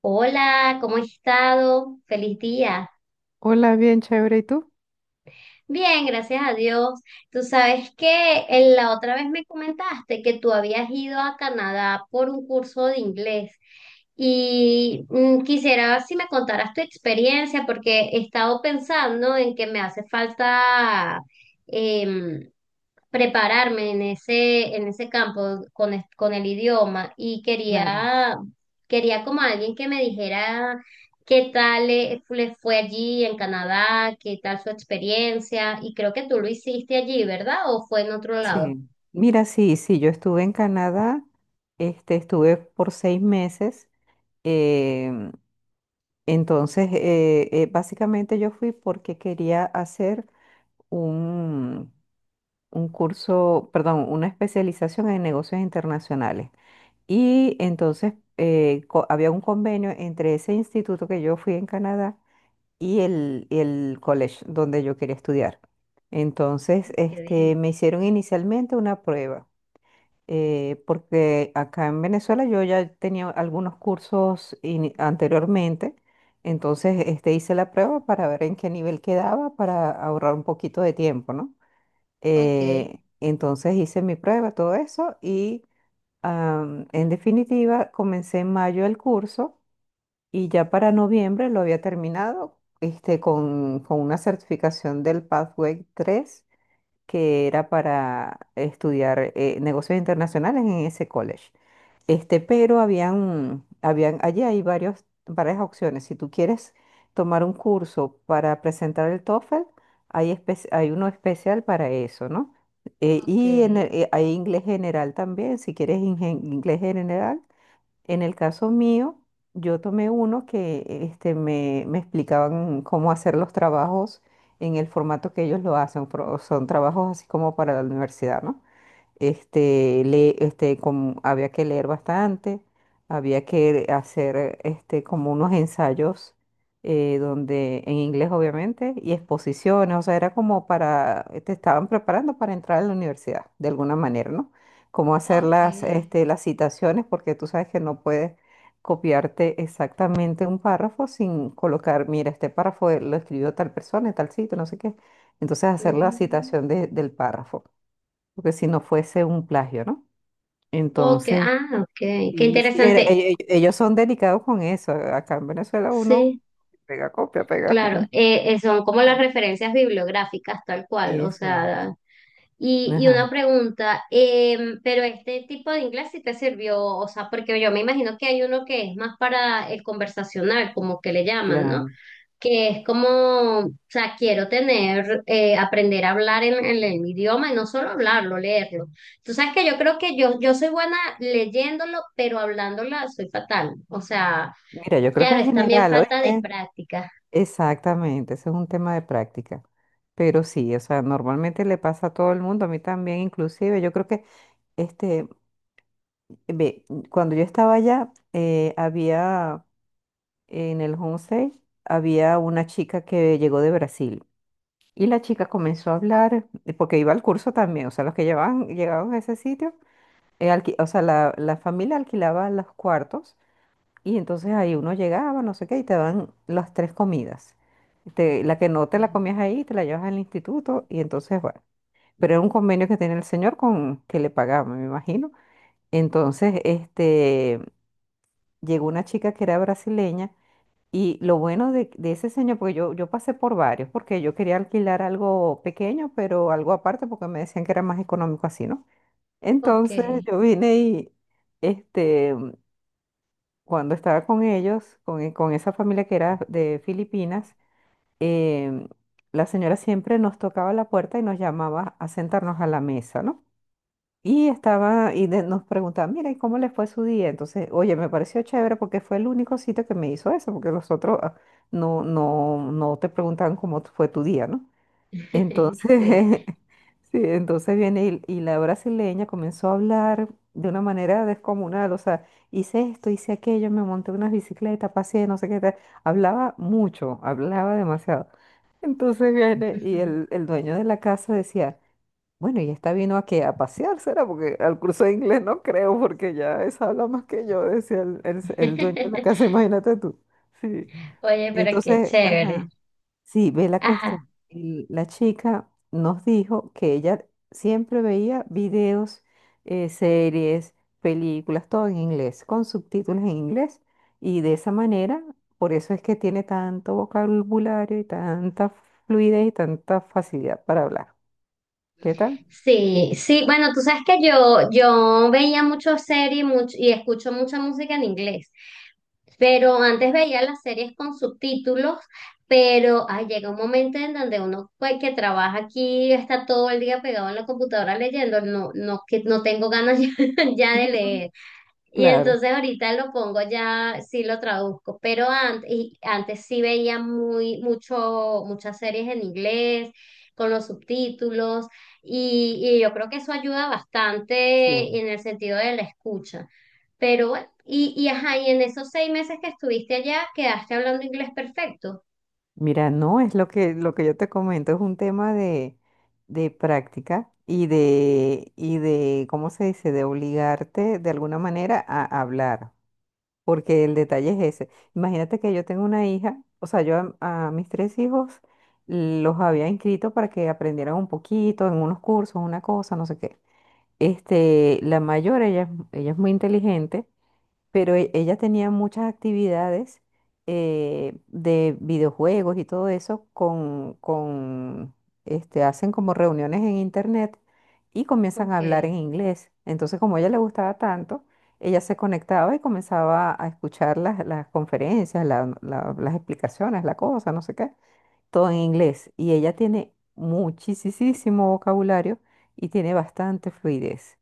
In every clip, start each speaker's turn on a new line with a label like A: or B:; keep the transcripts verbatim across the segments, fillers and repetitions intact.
A: Hola, ¿cómo has estado? Feliz día.
B: Hola, bien chévere. ¿Y tú?
A: Bien, gracias a Dios. Tú sabes que en la otra vez me comentaste que tú habías ido a Canadá por un curso de inglés y mm, quisiera si me contaras tu experiencia porque he estado pensando en que me hace falta, em, prepararme en ese, en ese campo con, es- con el idioma y
B: Claro.
A: quería, quería como alguien que me dijera qué tal le, le fue allí en Canadá, qué tal su experiencia y creo que tú lo hiciste allí, ¿verdad? ¿O fue en otro lado?
B: Sí, mira, sí, sí, yo estuve en Canadá, este, estuve por seis meses. em, entonces eh, eh, básicamente yo fui porque quería hacer un, un curso, perdón, una especialización en negocios internacionales. Y entonces eh, co- había un convenio entre ese instituto que yo fui en Canadá y el, el college donde yo quería estudiar. Entonces,
A: Qué
B: este,
A: bien.
B: me hicieron inicialmente una prueba, eh, porque acá en Venezuela yo ya tenía algunos cursos ini- anteriormente, entonces este, hice la prueba para ver en qué nivel quedaba, para ahorrar un poquito de tiempo, ¿no?
A: Ok,
B: Eh, entonces hice mi prueba, todo eso, y am, en definitiva comencé en mayo el curso. Y ya para noviembre lo había terminado este, con, con una certificación del Pathway tres que era para estudiar eh, negocios internacionales en ese college. Este, pero habían, habían, allí hay varios, varias opciones. Si tú quieres tomar un curso para presentar el TOEFL, hay, espe- hay uno especial para eso, ¿no? Eh,
A: ok,
B: y en el- eh, hay inglés general también, si quieres ingen- inglés general. En el caso mío, yo tomé uno que este, me, me explicaban cómo hacer los trabajos en el formato que ellos lo hacen. pro- Son trabajos así como para la universidad, ¿no? Este, le, este, como había que leer bastante, había que hacer este, como unos ensayos eh, donde, en inglés obviamente, y exposiciones, o sea, era como para, te estaban preparando para entrar a la universidad, de alguna manera, ¿no? Cómo hacer las,
A: ok.
B: este, las citaciones, porque tú sabes que no puedes copiarte exactamente un párrafo sin colocar, mira, este párrafo lo escribió tal persona, en tal sitio, no sé qué. Entonces hacer la
A: Mm,
B: citación de- del párrafo porque si no fuese un plagio, ¿no?
A: ok,
B: Entonces,
A: ah, ok, qué
B: sí, sí, era-
A: interesante.
B: e- e- ellos son delicados con eso. Acá en Venezuela uno
A: Sí,
B: pega copia, pega.
A: claro, eh, eh, son como las
B: Ajá.
A: referencias bibliográficas tal cual, o
B: Exacto.
A: sea... Y, y
B: Ajá,
A: una pregunta, em, pero este tipo de inglés sí te sirvió, o sea, porque yo me imagino que hay uno que es más para el conversacional, como que le llaman, ¿no?
B: claro.
A: Que es como, o sea, quiero tener, eh, aprender a hablar en, en el idioma y no solo hablarlo, leerlo. Tú sabes que yo creo que yo, yo soy buena leyéndolo, pero hablándola soy fatal. O sea,
B: Mira, yo creo que
A: claro,
B: es
A: es también
B: general,
A: falta de
B: ¿oíste?
A: práctica.
B: Exactamente, eso es un tema de práctica. Pero sí, o sea, normalmente le pasa a todo el mundo, a mí también inclusive. Yo creo que, este, ve, cuando yo estaba allá, eh, había en el Homestay, había una chica que llegó de Brasil. Y la chica comenzó a hablar, eh, porque iba al curso también, o sea, los que llevaban, llegaban a ese sitio, eh, alqui- o sea, la, la familia alquilaba los cuartos y entonces ahí uno llegaba, no sé qué, y te dan las tres comidas. Te- la que no te la comías ahí, te la llevas al instituto y entonces, bueno, pero era un convenio que tenía el señor con que le pagaba, me imagino. Entonces, este, llegó una chica que era brasileña y lo bueno de, de ese señor, porque yo, yo pasé por varios, porque yo quería alquilar algo pequeño, pero algo aparte, porque me decían que era más económico así, ¿no?
A: Ok,
B: Entonces yo vine y, este, cuando estaba con ellos, con, e- con esa familia que era de Filipinas, em, la señora siempre nos tocaba la puerta y nos llamaba a sentarnos a la mesa, ¿no? Y estaba, y de- nos preguntaban, mira, ¿y cómo le fue su día? Entonces, oye, me pareció chévere porque fue el único sitio que me hizo eso, porque los otros ah, no, no, no te preguntaban cómo fue tu día, ¿no?
A: sí.
B: Entonces, sí, entonces viene y, y la brasileña comenzó a hablar de una manera descomunal, o sea, hice esto, hice aquello, me monté una bicicleta, pasé, no sé qué tal. Hablaba mucho, hablaba demasiado. Entonces viene y el, el dueño de la casa decía, bueno, y esta vino aquí a pasear, ¿será? Porque al curso de inglés no creo, porque ya esa habla más que yo, decía el, el- el dueño de la casa, imagínate tú. Sí.
A: Oye, pero qué
B: Entonces,
A: chévere.
B: ajá, sí, ve la
A: Ajá.
B: cuestión. Y la chica nos dijo que ella siempre veía videos, eh, series, películas, todo en inglés, con subtítulos en inglés. Y de esa manera, por eso es que tiene tanto vocabulario y tanta fluidez y tanta facilidad para hablar. ¿Qué tal?
A: Sí, sí, bueno, tú sabes que yo, yo veía mucho series much- y escucho mucha música en inglés, pero antes veía las series con subtítulos, pero ay, llega un momento en donde uno pues, que trabaja aquí está todo el día pegado en la computadora leyendo, no, no, que no tengo ganas ya, ya de leer. Y
B: Claro.
A: entonces ahorita lo pongo ya, sí lo traduzco, pero antes, y antes sí veía muy, mucho, muchas series en inglés, con los subtítulos, y, y yo creo que eso ayuda bastante
B: Sí.
A: en el sentido de la escucha. Pero bueno, y, y ajá, y en esos seis meses que estuviste allá, quedaste hablando inglés perfecto.
B: Mira, no, es lo que, lo que yo te comento, es un tema de, de práctica y de, y de, ¿cómo se dice? De obligarte de alguna manera a hablar, porque el detalle es ese. Imagínate que yo tengo una hija, o sea, yo a, a mis tres hijos los había inscrito para que aprendieran un poquito en unos cursos, una cosa, no sé qué. Este, la mayor, ella, es- ella es muy inteligente pero e- ella tenía muchas actividades eh, de videojuegos y todo eso con, con, este, hacen como reuniones en internet y comienzan a
A: Ok,
B: hablar en inglés. Entonces, como a ella le gustaba tanto, ella se conectaba y comenzaba a escuchar las, las conferencias, la- la- las explicaciones, la cosa, no sé qué, todo en inglés. Y ella tiene muchísimo vocabulario y tiene bastante fluidez.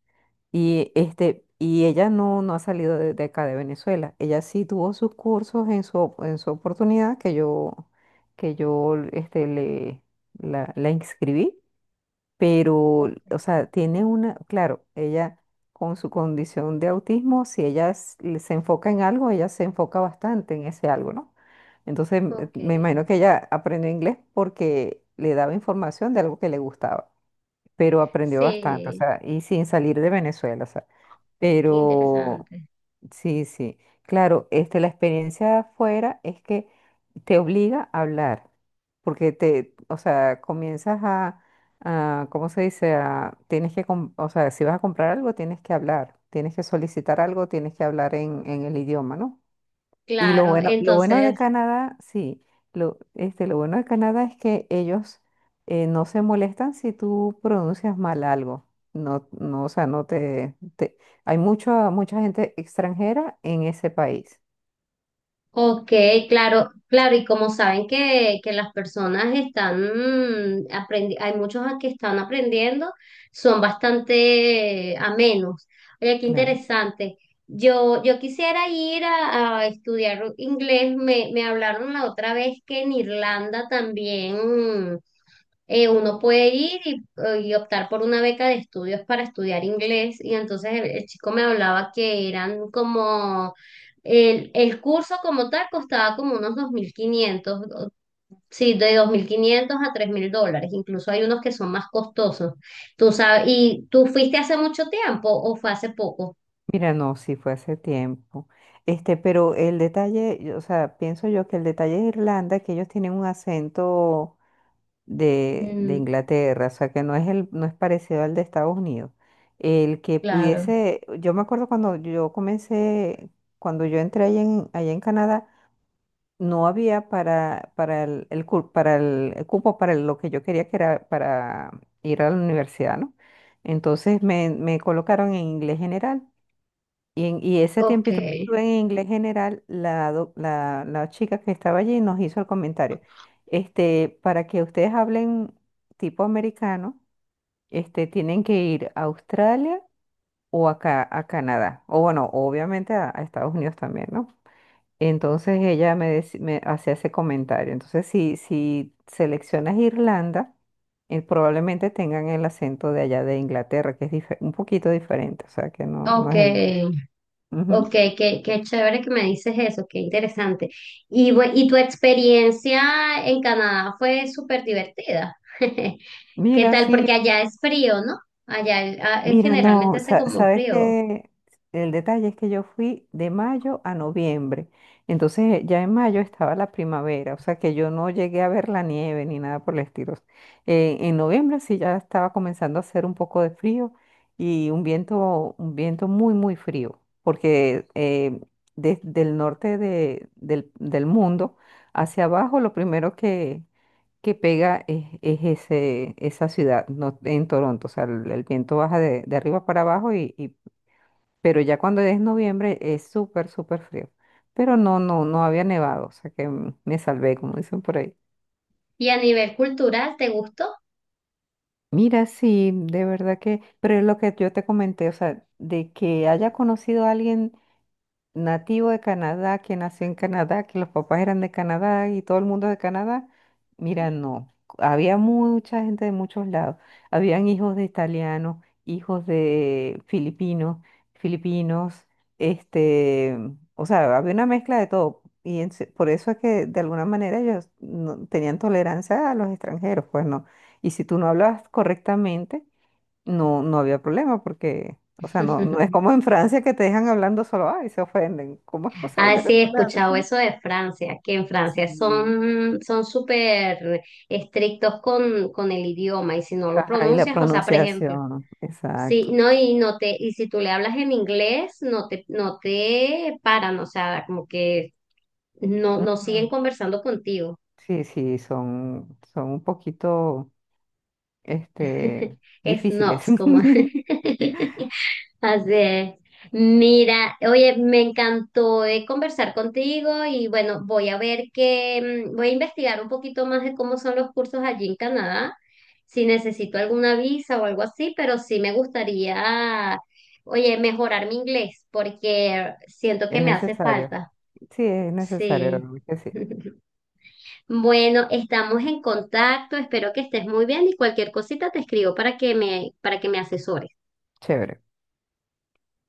B: Y, este, y ella no, no ha salido de, de acá de Venezuela. Ella sí tuvo sus cursos en su, op- en su oportunidad que yo, que yo este, le, la, la inscribí, pero, o sea, tiene una, claro, ella con su condición de autismo, si ella s- le- se enfoca en algo, ella se enfoca bastante en ese algo, ¿no? Entonces, me
A: ok.
B: me imagino que ella aprendió inglés porque le daba información de algo que le gustaba, pero aprendió bastante, o
A: Sí,
B: sea, y sin salir de Venezuela, o sea.
A: qué
B: Pero
A: interesante.
B: sí, sí. Claro, este, la experiencia de afuera es que te obliga a hablar, porque te, o sea, comienzas a, a, ¿cómo se dice? A, tienes que, com- o sea, si vas a comprar algo, tienes que hablar, tienes que solicitar algo, tienes que hablar en, en el idioma, ¿no? Y lo
A: Claro,
B: bueno, lo bueno de
A: entonces.
B: Canadá, sí, lo, este, lo bueno de Canadá es que ellos eh, no se molestan si tú pronuncias mal algo. No, no, o sea, no te, te- hay mucha mucha gente extranjera en ese país.
A: Ok, claro, claro, y como saben que, que las personas están mm, aprendi- hay muchos que están aprendiendo, son bastante amenos. Oye, qué
B: Claro.
A: interesante. Yo, yo quisiera ir a, a estudiar inglés, me, me hablaron la otra vez que en Irlanda también eh, uno puede ir y, eh, y optar por una beca de estudios para estudiar inglés. Y entonces el, el chico me hablaba que eran como, el, el curso como tal costaba como unos dos mil quinientos, o- sí, de dos mil quinientos a tres mil dólares. Incluso hay unos que son más costosos. Tú sabes, ¿y tú fuiste hace mucho tiempo o fue hace poco?
B: Mira, no, sí fue hace tiempo. Este, pero el detalle, o sea, pienso yo que el detalle de Irlanda es que ellos tienen un acento de, de
A: Mm,
B: Inglaterra, o sea que no es el, no es parecido al de Estados Unidos. El que
A: claro.
B: pudiese, yo me acuerdo cuando yo comencé, cuando yo entré allá en, allá en Canadá, no había para, para el, el cu- para el, el cupo para lo que yo quería que era para ir a la universidad, ¿no? Entonces me, me colocaron en inglés general y, en- y ese
A: Ok,
B: tiempito que estuve en inglés general, la, doc- la, la chica que estaba allí nos hizo el comentario. Este, para que ustedes hablen tipo americano, este, tienen que ir a Australia o acá a Canadá. O bueno, obviamente a, a Estados Unidos también, ¿no? Entonces ella me, deci- me hacía ese comentario. Entonces, si, si seleccionas Irlanda, eh, probablemente tengan el acento de allá de Inglaterra, que es dife- un poquito diferente, o sea que no, no
A: ok.
B: es el
A: Ok,
B: mismo.
A: qué, qué chévere que me dices eso, qué interesante. Y, bu- y tu experiencia en Canadá fue súper divertida. ¿Qué
B: Mira,
A: tal?
B: sí,
A: Porque allá es frío, ¿no? Allá el- ah, eh,
B: mira,
A: generalmente
B: no,
A: hace
B: sa-
A: como
B: sabes
A: frío.
B: que el detalle es que yo fui de mayo a noviembre, entonces ya en mayo estaba la primavera, o sea que yo no llegué a ver la nieve ni nada por el estilo. Eh, en noviembre sí ya estaba comenzando a hacer un poco de frío y un viento, un viento muy, muy frío, porque eh, desde el norte de- del, del mundo hacia abajo lo primero que que pega es, es ese, esa ciudad no, en Toronto. O sea, el, el viento baja de, de arriba para abajo, y, y- pero ya cuando es noviembre es súper, súper frío. Pero no, no, no había nevado, o sea que mm, me salvé, como dicen por ahí.
A: ¿Y a nivel cultural, te gustó?
B: Mira, sí, de verdad que, pero es lo que yo te comenté, o sea, de que haya conocido a alguien nativo de Canadá, que nació en Canadá, que los papás eran de Canadá y todo el mundo de Canadá. Mira, no, había mucha gente de muchos lados. Habían hijos de italianos, hijos de filipinos, filipinos, este, o sea, había una mezcla de todo. Y en se- por eso es que de alguna manera ellos no- tenían tolerancia a los extranjeros, pues no. Y si tú no hablabas correctamente, no, no había problema porque, o sea, no, no es como en Francia que te dejan hablando solo, ay, se ofenden. ¿Cómo es
A: Ah,
B: posible que
A: sí, he
B: tú le hables
A: escuchado
B: así?
A: eso de Francia, que en Francia
B: Sí.
A: son son súper estrictos con, con el idioma y si no lo
B: Ajá, y la
A: pronuncias, o sea, por ejemplo.
B: pronunciación,
A: Sí,
B: exacto.
A: no, y no te, y si tú le hablas en inglés, no te, no te paran, o sea, como que no, no siguen
B: Ujú.
A: conversando contigo.
B: Sí, sí, son, son un poquito, este, difíciles.
A: Snobs, como. Así es. Mira, oye, me encantó eh, conversar contigo y bueno, voy a ver que, mm, voy a investigar un poquito más de cómo son los cursos allí en Canadá, si necesito alguna visa o algo así, pero sí me gustaría, oye, mejorar mi inglés porque siento que
B: Es
A: me hace
B: necesario.
A: falta.
B: Sí, es necesario, de
A: Sí.
B: verdad que sí.
A: Bueno, estamos en contacto, espero que estés muy bien y cualquier cosita te escribo para que me, para que me asesores.
B: Chévere.